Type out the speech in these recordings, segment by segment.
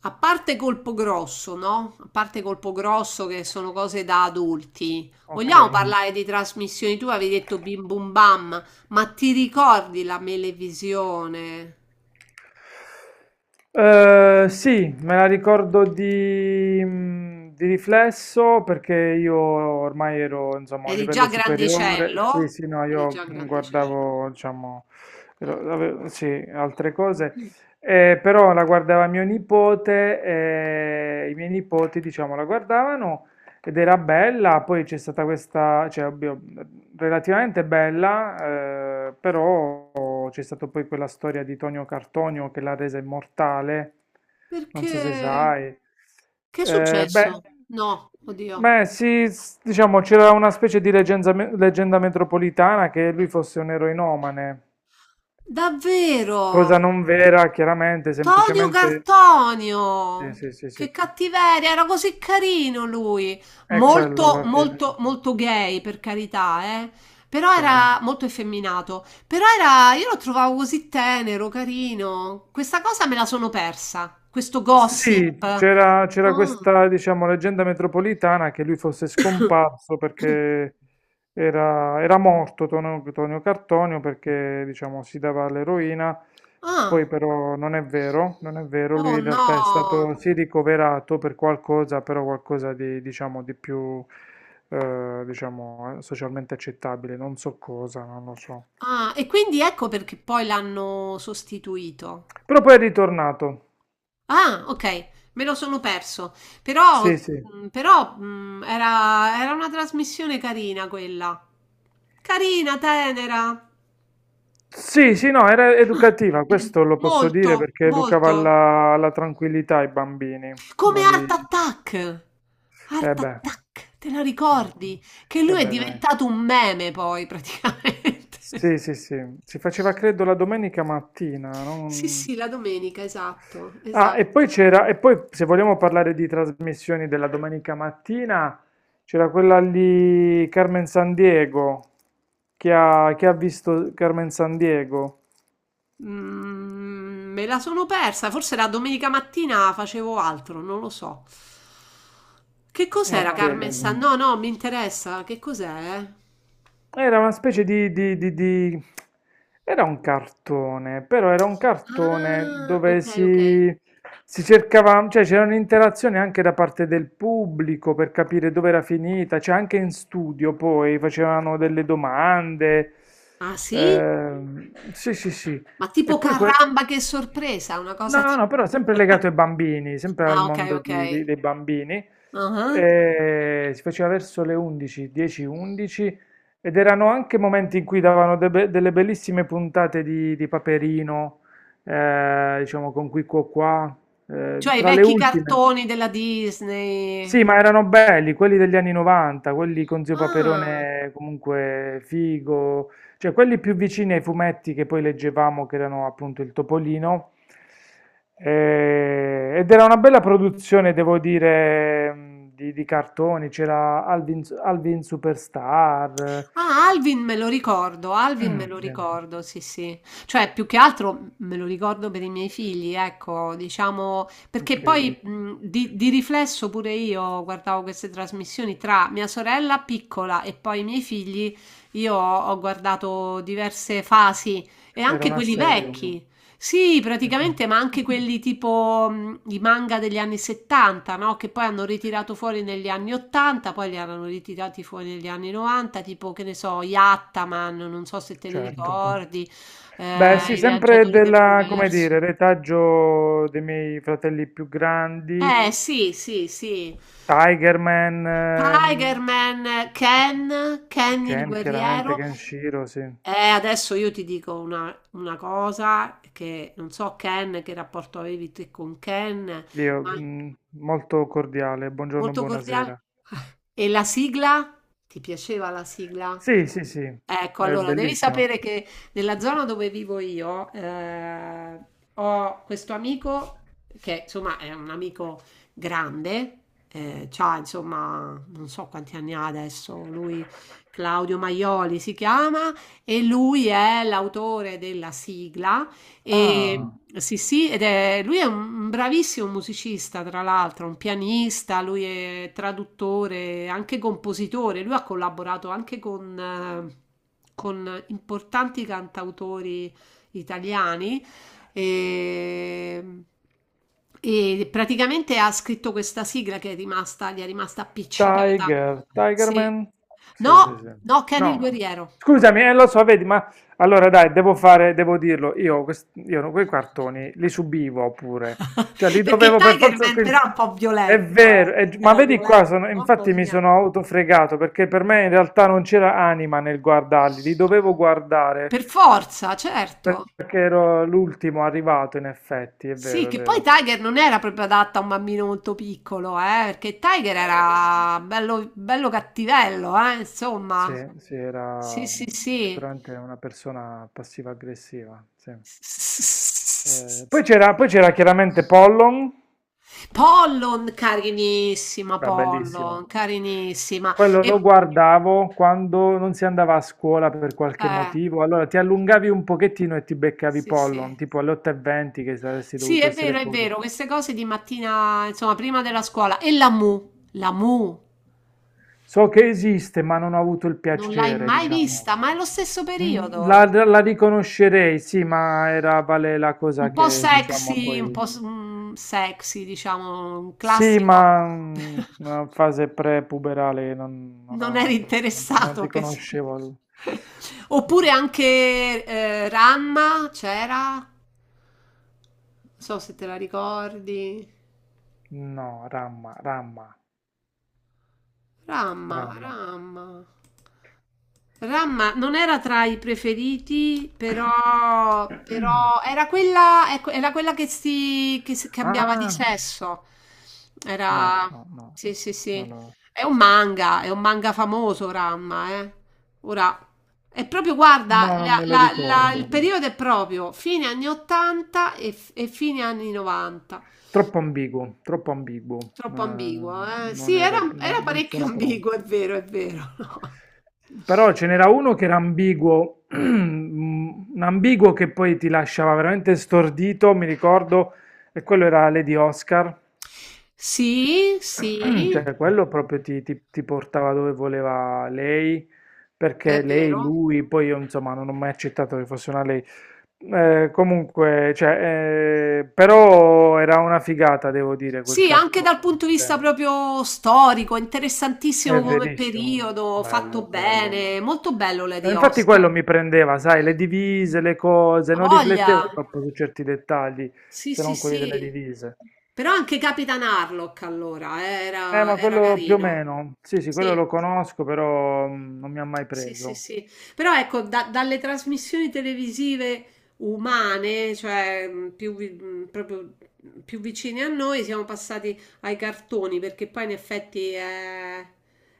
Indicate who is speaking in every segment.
Speaker 1: A parte Colpo Grosso, no? A parte Colpo Grosso che sono cose da adulti. Vogliamo
Speaker 2: Ok.
Speaker 1: parlare di trasmissioni? Tu avevi detto Bim Bum Bam, ma ti ricordi la Melevisione?
Speaker 2: Sì, me la ricordo di, di riflesso perché io ormai ero, insomma, a un
Speaker 1: Eri
Speaker 2: livello
Speaker 1: già
Speaker 2: superiore. Sì,
Speaker 1: grandicello?
Speaker 2: sì, no,
Speaker 1: Eri
Speaker 2: io
Speaker 1: già grandicello.
Speaker 2: guardavo, diciamo, sì, altre cose. Però la guardava mio nipote e i miei nipoti, diciamo, la guardavano. Ed era bella, poi c'è stata questa, cioè, ovvio, relativamente bella, però c'è stata poi quella storia di Tonio Cartonio che l'ha resa immortale, non so se
Speaker 1: Perché?
Speaker 2: sai.
Speaker 1: Che è
Speaker 2: Beh,
Speaker 1: successo? No, oddio.
Speaker 2: beh, sì, diciamo c'era una specie di leggenda metropolitana che lui fosse un eroinomane,
Speaker 1: Davvero?
Speaker 2: cosa non vera, chiaramente,
Speaker 1: Tonio
Speaker 2: semplicemente. Sì,
Speaker 1: Cartonio!
Speaker 2: sì, sì, sì,
Speaker 1: Che cattiveria, era così carino lui.
Speaker 2: è quello
Speaker 1: Molto,
Speaker 2: alla
Speaker 1: molto,
Speaker 2: fine,
Speaker 1: molto gay, per carità, eh. Però
Speaker 2: sì.
Speaker 1: era molto effeminato. Io lo trovavo così tenero, carino. Questa cosa me la sono persa, questo gossip.
Speaker 2: Sì, c'era
Speaker 1: Mm.
Speaker 2: questa, diciamo, leggenda metropolitana che lui fosse scomparso perché era morto Tonio Cartonio perché, diciamo, si dava all'eroina,
Speaker 1: Ah.
Speaker 2: poi però non è vero, non è vero, lui
Speaker 1: Oh
Speaker 2: in realtà è
Speaker 1: no!
Speaker 2: stato, sì, ricoverato per qualcosa, però qualcosa di, diciamo, di più, diciamo, socialmente accettabile, non so cosa, non lo so.
Speaker 1: Ah, e quindi ecco perché poi l'hanno sostituito.
Speaker 2: Però poi è ritornato,
Speaker 1: Ah, ok, me lo sono perso. Però,
Speaker 2: sì, sì.
Speaker 1: però era una trasmissione carina quella. Carina, tenera.
Speaker 2: Sì, sì, no, era educativa, questo lo posso dire
Speaker 1: Molto,
Speaker 2: perché educava
Speaker 1: molto.
Speaker 2: alla tranquillità i bambini.
Speaker 1: Come
Speaker 2: Non
Speaker 1: Art
Speaker 2: li.
Speaker 1: Attack.
Speaker 2: Eh
Speaker 1: Art
Speaker 2: beh,
Speaker 1: Attack, te la
Speaker 2: ecco.
Speaker 1: ricordi? Che
Speaker 2: Eh
Speaker 1: lui è
Speaker 2: beh, dai.
Speaker 1: diventato un meme poi, praticamente.
Speaker 2: Sì, sì, sì. Si faceva credo la domenica mattina.
Speaker 1: Sì, sì, la domenica, esatto,
Speaker 2: Ah,
Speaker 1: esatto.
Speaker 2: e poi se vogliamo parlare di trasmissioni della domenica mattina, c'era quella lì Carmen San Diego. Chi ha visto Carmen San Diego?
Speaker 1: Me la sono persa, forse la domenica mattina facevo altro, non lo so. Che cos'era? Ah,
Speaker 2: Ok.
Speaker 1: Carmen San? No, no, mi interessa. Che cos'è? Ah,
Speaker 2: Era una specie di- Era un cartone, però era un cartone dove
Speaker 1: ok, ok.
Speaker 2: si cercava, cioè c'era un'interazione anche da parte del pubblico per capire dove era finita, cioè anche in studio poi facevano delle domande.
Speaker 1: Ah, sì?
Speaker 2: Sì, sì, sì.
Speaker 1: Ma
Speaker 2: E
Speaker 1: tipo
Speaker 2: poi quel.
Speaker 1: caramba, che sorpresa, una cosa
Speaker 2: No,
Speaker 1: tipo...
Speaker 2: no, però sempre legato ai bambini, sempre al
Speaker 1: Ah, ok,
Speaker 2: mondo
Speaker 1: ok.
Speaker 2: dei bambini.
Speaker 1: Ah,
Speaker 2: Si faceva verso le 11, 10, 11 ed erano anche momenti in cui davano delle bellissime puntate di Paperino, diciamo con Qui Quo Qua,
Speaker 1: cioè i
Speaker 2: tra le
Speaker 1: vecchi
Speaker 2: ultime.
Speaker 1: cartoni della Disney.
Speaker 2: Sì, ma erano belli, quelli degli anni 90, quelli con Zio
Speaker 1: Ah,
Speaker 2: Paperone comunque figo, cioè quelli più vicini ai fumetti che poi leggevamo, che erano appunto il Topolino. Ed era una bella produzione, devo dire, di cartoni, c'era Alvin, Alvin Superstar.
Speaker 1: Ah, Alvin me lo ricordo, Alvin
Speaker 2: Eh,
Speaker 1: me lo
Speaker 2: sì.
Speaker 1: ricordo, sì, sì. Cioè, più che altro me lo ricordo per i miei figli, ecco, diciamo, perché
Speaker 2: Ok,
Speaker 1: poi di riflesso pure io guardavo queste trasmissioni tra mia sorella piccola e poi i miei figli, io ho guardato diverse fasi e
Speaker 2: era
Speaker 1: anche
Speaker 2: un
Speaker 1: quelli
Speaker 2: assedio,
Speaker 1: vecchi, sì,
Speaker 2: sì.
Speaker 1: praticamente, ma anche quelli tipo i manga degli anni 70, no? Che poi hanno ritirato fuori negli anni 80, poi li hanno ritirati fuori negli anni 90, tipo, che ne so, Yattaman, non so se te li
Speaker 2: Certo.
Speaker 1: ricordi,
Speaker 2: Beh, sì,
Speaker 1: I
Speaker 2: sempre
Speaker 1: Viaggiatori
Speaker 2: della, come
Speaker 1: dell'Universo.
Speaker 2: dire, retaggio dei miei fratelli più grandi,
Speaker 1: Eh sì, sì, sì.
Speaker 2: Tiger Man,
Speaker 1: Tiger Man, Ken il
Speaker 2: Ken, chiaramente
Speaker 1: guerriero.
Speaker 2: Kenshiro, sì.
Speaker 1: Adesso io ti dico una cosa che non so Ken, che rapporto avevi te con Ken,
Speaker 2: Io,
Speaker 1: ma...
Speaker 2: molto cordiale, buongiorno,
Speaker 1: Molto cordiale.
Speaker 2: buonasera.
Speaker 1: E la sigla? Ti piaceva la sigla?
Speaker 2: Sì, sì, sì,
Speaker 1: Ecco,
Speaker 2: è
Speaker 1: allora devi
Speaker 2: bellissimo.
Speaker 1: sapere che nella zona dove vivo io ho questo amico che insomma è un amico grande, c'ha insomma non so quanti anni ha adesso, lui Claudio Maioli si chiama e lui è l'autore della sigla e
Speaker 2: Ah,
Speaker 1: sì, sì, lui è un bravissimo musicista, tra l'altro, un pianista, lui è traduttore, anche compositore. Lui ha collaborato anche con importanti cantautori italiani e, e praticamente ha scritto questa sigla che è rimasta, gli è rimasta appiccicata.
Speaker 2: Tiger,
Speaker 1: Sì.
Speaker 2: Tigerman? Sì, sì,
Speaker 1: No,
Speaker 2: sì.
Speaker 1: no, Kenny il
Speaker 2: No,
Speaker 1: guerriero.
Speaker 2: scusami, lo so, vedi, ma allora dai, devo fare, devo dirlo, io, io no, quei cartoni li subivo pure, cioè li
Speaker 1: Perché
Speaker 2: dovevo per
Speaker 1: Tiger
Speaker 2: forza.
Speaker 1: Man però è un po'
Speaker 2: È
Speaker 1: violento, eh.
Speaker 2: vero, ma
Speaker 1: Era
Speaker 2: vedi qua,
Speaker 1: violento, mamma
Speaker 2: infatti mi
Speaker 1: mia.
Speaker 2: sono autofregato perché per me in realtà non c'era anima nel guardarli, li dovevo guardare
Speaker 1: Per forza, certo.
Speaker 2: perché ero l'ultimo arrivato, in effetti, è
Speaker 1: Sì,
Speaker 2: vero, è
Speaker 1: che poi
Speaker 2: vero.
Speaker 1: Tiger non era proprio adatta a un bambino molto piccolo, perché Tiger
Speaker 2: Eh,
Speaker 1: era bello, bello cattivello,
Speaker 2: Sì,
Speaker 1: insomma.
Speaker 2: sì,
Speaker 1: Sì,
Speaker 2: era
Speaker 1: sì, sì.
Speaker 2: sicuramente una persona passiva-aggressiva, sì. Poi c'era chiaramente Pollon,
Speaker 1: Pollon, carinissima,
Speaker 2: era
Speaker 1: Pollon,
Speaker 2: bellissimo.
Speaker 1: carinissima.
Speaker 2: Quello lo
Speaker 1: E,
Speaker 2: guardavo quando non si andava a scuola per qualche
Speaker 1: eh,
Speaker 2: motivo, allora ti allungavi un pochettino e ti beccavi
Speaker 1: sì,
Speaker 2: Pollon,
Speaker 1: sì.
Speaker 2: tipo alle 8:20 che saresti
Speaker 1: Sì,
Speaker 2: dovuto essere
Speaker 1: è
Speaker 2: fuori.
Speaker 1: vero, queste cose di mattina, insomma, prima della scuola. E la Mu
Speaker 2: So che esiste, ma non ho avuto il
Speaker 1: non l'hai
Speaker 2: piacere,
Speaker 1: mai vista,
Speaker 2: diciamo.
Speaker 1: ma è lo stesso
Speaker 2: Mm,
Speaker 1: periodo.
Speaker 2: La, la riconoscerei, sì, ma era vale la
Speaker 1: Un
Speaker 2: cosa
Speaker 1: po'
Speaker 2: che, diciamo,
Speaker 1: sexy, un
Speaker 2: poi.
Speaker 1: po' s- mm, Sexy, diciamo, un
Speaker 2: Sì,
Speaker 1: classico.
Speaker 2: ma una fase pre-puberale
Speaker 1: Non eri
Speaker 2: non
Speaker 1: interessato, che se-
Speaker 2: riconoscevo.
Speaker 1: Oppure anche Ramma, c'era? Non so se te la ricordi.
Speaker 2: No, ramma, ramma,
Speaker 1: Ramma,
Speaker 2: ramma.
Speaker 1: Ramma. Ramma non era tra i preferiti, però era quella, ecco, era quella che si cambiava di
Speaker 2: Ah,
Speaker 1: sesso.
Speaker 2: no,
Speaker 1: Era,
Speaker 2: no, no,
Speaker 1: sì, sì, sì.
Speaker 2: non lo-
Speaker 1: È un manga famoso, Ramma, eh. Ora, è proprio,
Speaker 2: no,
Speaker 1: guarda,
Speaker 2: non me lo
Speaker 1: il
Speaker 2: ricordo.
Speaker 1: periodo è proprio fine anni 80 e fine anni 90.
Speaker 2: Troppo ambiguo, troppo ambiguo.
Speaker 1: Troppo ambiguo, eh? Sì,
Speaker 2: Non
Speaker 1: era,
Speaker 2: ero,
Speaker 1: era
Speaker 2: non
Speaker 1: parecchio
Speaker 2: sono pronto.
Speaker 1: ambiguo, è vero, è vero.
Speaker 2: Però ce n'era uno che era ambiguo, un ambiguo che poi ti lasciava veramente stordito, mi ricordo, e quello era Lady Oscar,
Speaker 1: Sì, sì,
Speaker 2: cioè quello proprio ti portava dove voleva lei, perché
Speaker 1: è
Speaker 2: lei,
Speaker 1: vero.
Speaker 2: lui, poi io insomma non ho mai accettato che fosse una lei. Comunque, cioè, però era una figata, devo dire, quel
Speaker 1: Sì, anche dal punto
Speaker 2: cartone.
Speaker 1: di vista
Speaker 2: Cioè,
Speaker 1: proprio storico, interessantissimo.
Speaker 2: è
Speaker 1: Come
Speaker 2: verissimo,
Speaker 1: periodo, fatto
Speaker 2: bello, bello.
Speaker 1: bene, molto bello Lady
Speaker 2: E infatti
Speaker 1: Oscar.
Speaker 2: quello mi prendeva, sai, le divise, le cose,
Speaker 1: Ha
Speaker 2: non
Speaker 1: voglia.
Speaker 2: riflettevo troppo su certi dettagli,
Speaker 1: Sì,
Speaker 2: se
Speaker 1: sì,
Speaker 2: non quelli delle
Speaker 1: sì.
Speaker 2: divise.
Speaker 1: Però anche Capitan Harlock allora era,
Speaker 2: Ma
Speaker 1: era
Speaker 2: quello più o
Speaker 1: carino.
Speaker 2: meno, sì, sì, quello
Speaker 1: Sì.
Speaker 2: lo conosco, però non mi ha mai
Speaker 1: Sì, sì,
Speaker 2: preso.
Speaker 1: sì. Però ecco, dalle trasmissioni televisive umane, cioè proprio più vicine a noi, siamo passati ai cartoni, perché poi in effetti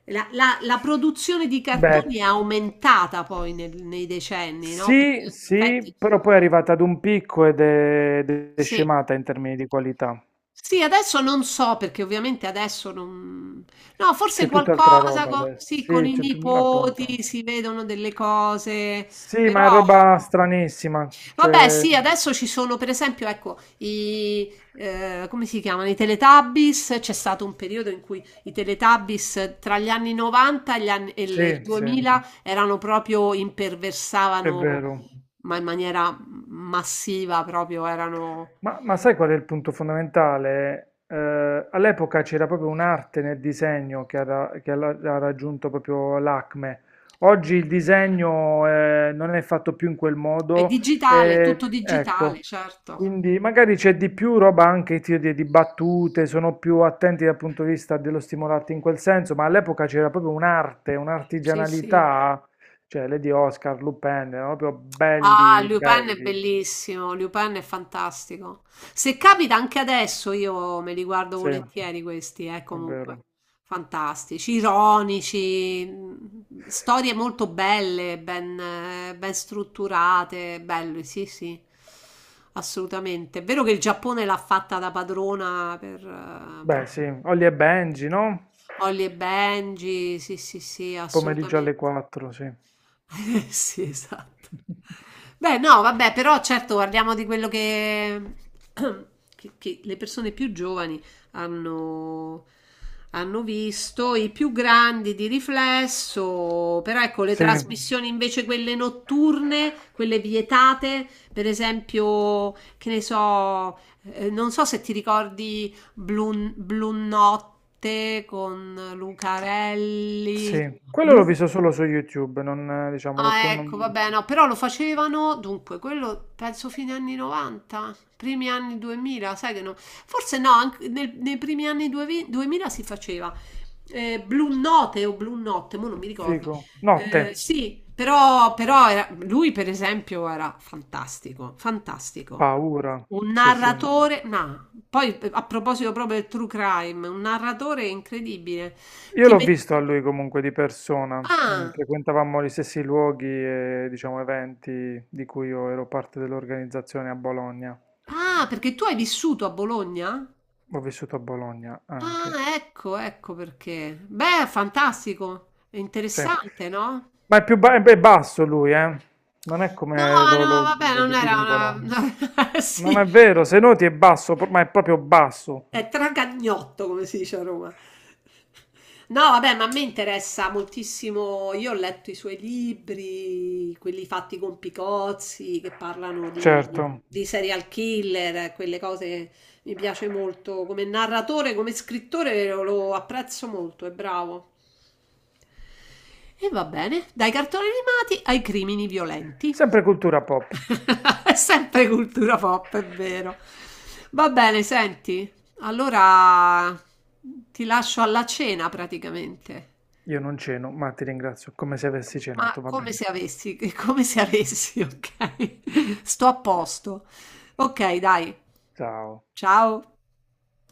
Speaker 1: la produzione di
Speaker 2: Beh,
Speaker 1: cartoni è aumentata poi nei decenni, no? Perché
Speaker 2: sì,
Speaker 1: in effetti
Speaker 2: sì, però poi è arrivata ad un picco ed è
Speaker 1: sì.
Speaker 2: scemata in termini di qualità.
Speaker 1: Sì, adesso non so perché ovviamente adesso non... No,
Speaker 2: C'è
Speaker 1: forse
Speaker 2: tutt'altra
Speaker 1: qualcosa,
Speaker 2: roba adesso,
Speaker 1: sì, con
Speaker 2: sì,
Speaker 1: i
Speaker 2: appunto.
Speaker 1: nipoti si vedono delle cose,
Speaker 2: Sì,
Speaker 1: però...
Speaker 2: ma è roba stranissima,
Speaker 1: Vabbè,
Speaker 2: cioè,
Speaker 1: sì, adesso ci sono per esempio, ecco, i... come si chiamano? I Teletubbies, c'è stato un periodo in cui i Teletubbies tra gli anni 90 e, gli anni- e il
Speaker 2: sì, sì,
Speaker 1: 2000 erano proprio,
Speaker 2: è
Speaker 1: imperversavano,
Speaker 2: vero.
Speaker 1: ma in maniera massiva, proprio erano...
Speaker 2: Ma sai qual è il punto fondamentale? All'epoca c'era proprio un'arte nel disegno che ha raggiunto proprio l'acme. Oggi il disegno non è fatto più in quel
Speaker 1: È
Speaker 2: modo,
Speaker 1: digitale, è tutto digitale,
Speaker 2: ecco,
Speaker 1: certo.
Speaker 2: quindi magari c'è di più roba anche tiro di battute, sono più attenti dal punto di vista dello stimolarti in quel senso, ma all'epoca c'era proprio un'arte,
Speaker 1: Sì, sì.
Speaker 2: un'artigianalità, cioè Lady Oscar, Lupin, erano proprio
Speaker 1: Ah,
Speaker 2: belli,
Speaker 1: Lupin è
Speaker 2: belli,
Speaker 1: bellissimo, Lupin è fantastico. Se capita anche adesso io me li guardo
Speaker 2: sì,
Speaker 1: volentieri
Speaker 2: è
Speaker 1: questi, comunque.
Speaker 2: vero.
Speaker 1: Fantastici, ironici, storie molto belle, ben strutturate, bello, sì, sì, assolutamente. È vero che il Giappone l'ha fatta da padrona per,
Speaker 2: Beh, sì, Holly e Benji, no?
Speaker 1: Holly e Benji, sì, sì, sì,
Speaker 2: Pomeriggio alle
Speaker 1: assolutamente.
Speaker 2: 4, sì.
Speaker 1: Sì, esatto. Beh, no, vabbè, però certo guardiamo di quello che, che le persone più giovani hanno, hanno visto, i più grandi di riflesso, però ecco, le
Speaker 2: Sì,
Speaker 1: trasmissioni invece quelle notturne, quelle vietate, per esempio, che ne so, non so se ti ricordi Blu Notte con Lucarelli.
Speaker 2: sì. Quello l'ho visto solo su YouTube, non, diciamo, l'ho
Speaker 1: Ah,
Speaker 2: con.
Speaker 1: ecco, vabbè, no, però lo facevano, dunque, quello penso fine anni 90, primi anni 2000, sai che no, forse no, anche nei primi anni 2000 si faceva. Blu Note o Blu Notte, mo non mi ricordo.
Speaker 2: Figo. Notte,
Speaker 1: Sì, però lui per esempio era fantastico, fantastico.
Speaker 2: paura,
Speaker 1: Un
Speaker 2: sì, sì.
Speaker 1: narratore, no, poi a proposito proprio del true crime, un narratore incredibile.
Speaker 2: Io
Speaker 1: Ti
Speaker 2: l'ho
Speaker 1: met-
Speaker 2: visto a lui comunque di persona,
Speaker 1: Ah,
Speaker 2: frequentavamo gli stessi luoghi e, diciamo, eventi di cui io ero parte dell'organizzazione a Bologna.
Speaker 1: ah, perché tu hai vissuto a Bologna?
Speaker 2: Ho vissuto a Bologna anche,
Speaker 1: Ah, ecco, ecco perché. Beh, fantastico, è
Speaker 2: sì.
Speaker 1: interessante, no?
Speaker 2: Ma è è basso lui, eh? Non è
Speaker 1: No,
Speaker 2: come lo,
Speaker 1: no,
Speaker 2: lo-
Speaker 1: vabbè,
Speaker 2: lo
Speaker 1: non era
Speaker 2: dipingono.
Speaker 1: una...
Speaker 2: Non
Speaker 1: Sì,
Speaker 2: è vero, se noti è basso, ma è proprio basso.
Speaker 1: è tragagnotto, come si dice a Roma. No, vabbè, ma a me interessa moltissimo. Io ho letto i suoi libri, quelli fatti con Picozzi, che parlano
Speaker 2: Certo.
Speaker 1: di serial killer, quelle cose mi piace molto. Come narratore, come scrittore lo apprezzo molto, è bravo. E va bene, dai cartoni animati ai crimini violenti.
Speaker 2: Sempre cultura pop.
Speaker 1: È sempre cultura pop, è vero. Va bene, senti, allora ti lascio alla cena praticamente.
Speaker 2: Io non ceno, ma ti ringrazio, come se avessi
Speaker 1: Ma
Speaker 2: cenato, va
Speaker 1: come se
Speaker 2: bene.
Speaker 1: avessi, come se avessi, ok? Sto a posto. Ok, dai,
Speaker 2: Ciao.
Speaker 1: ciao.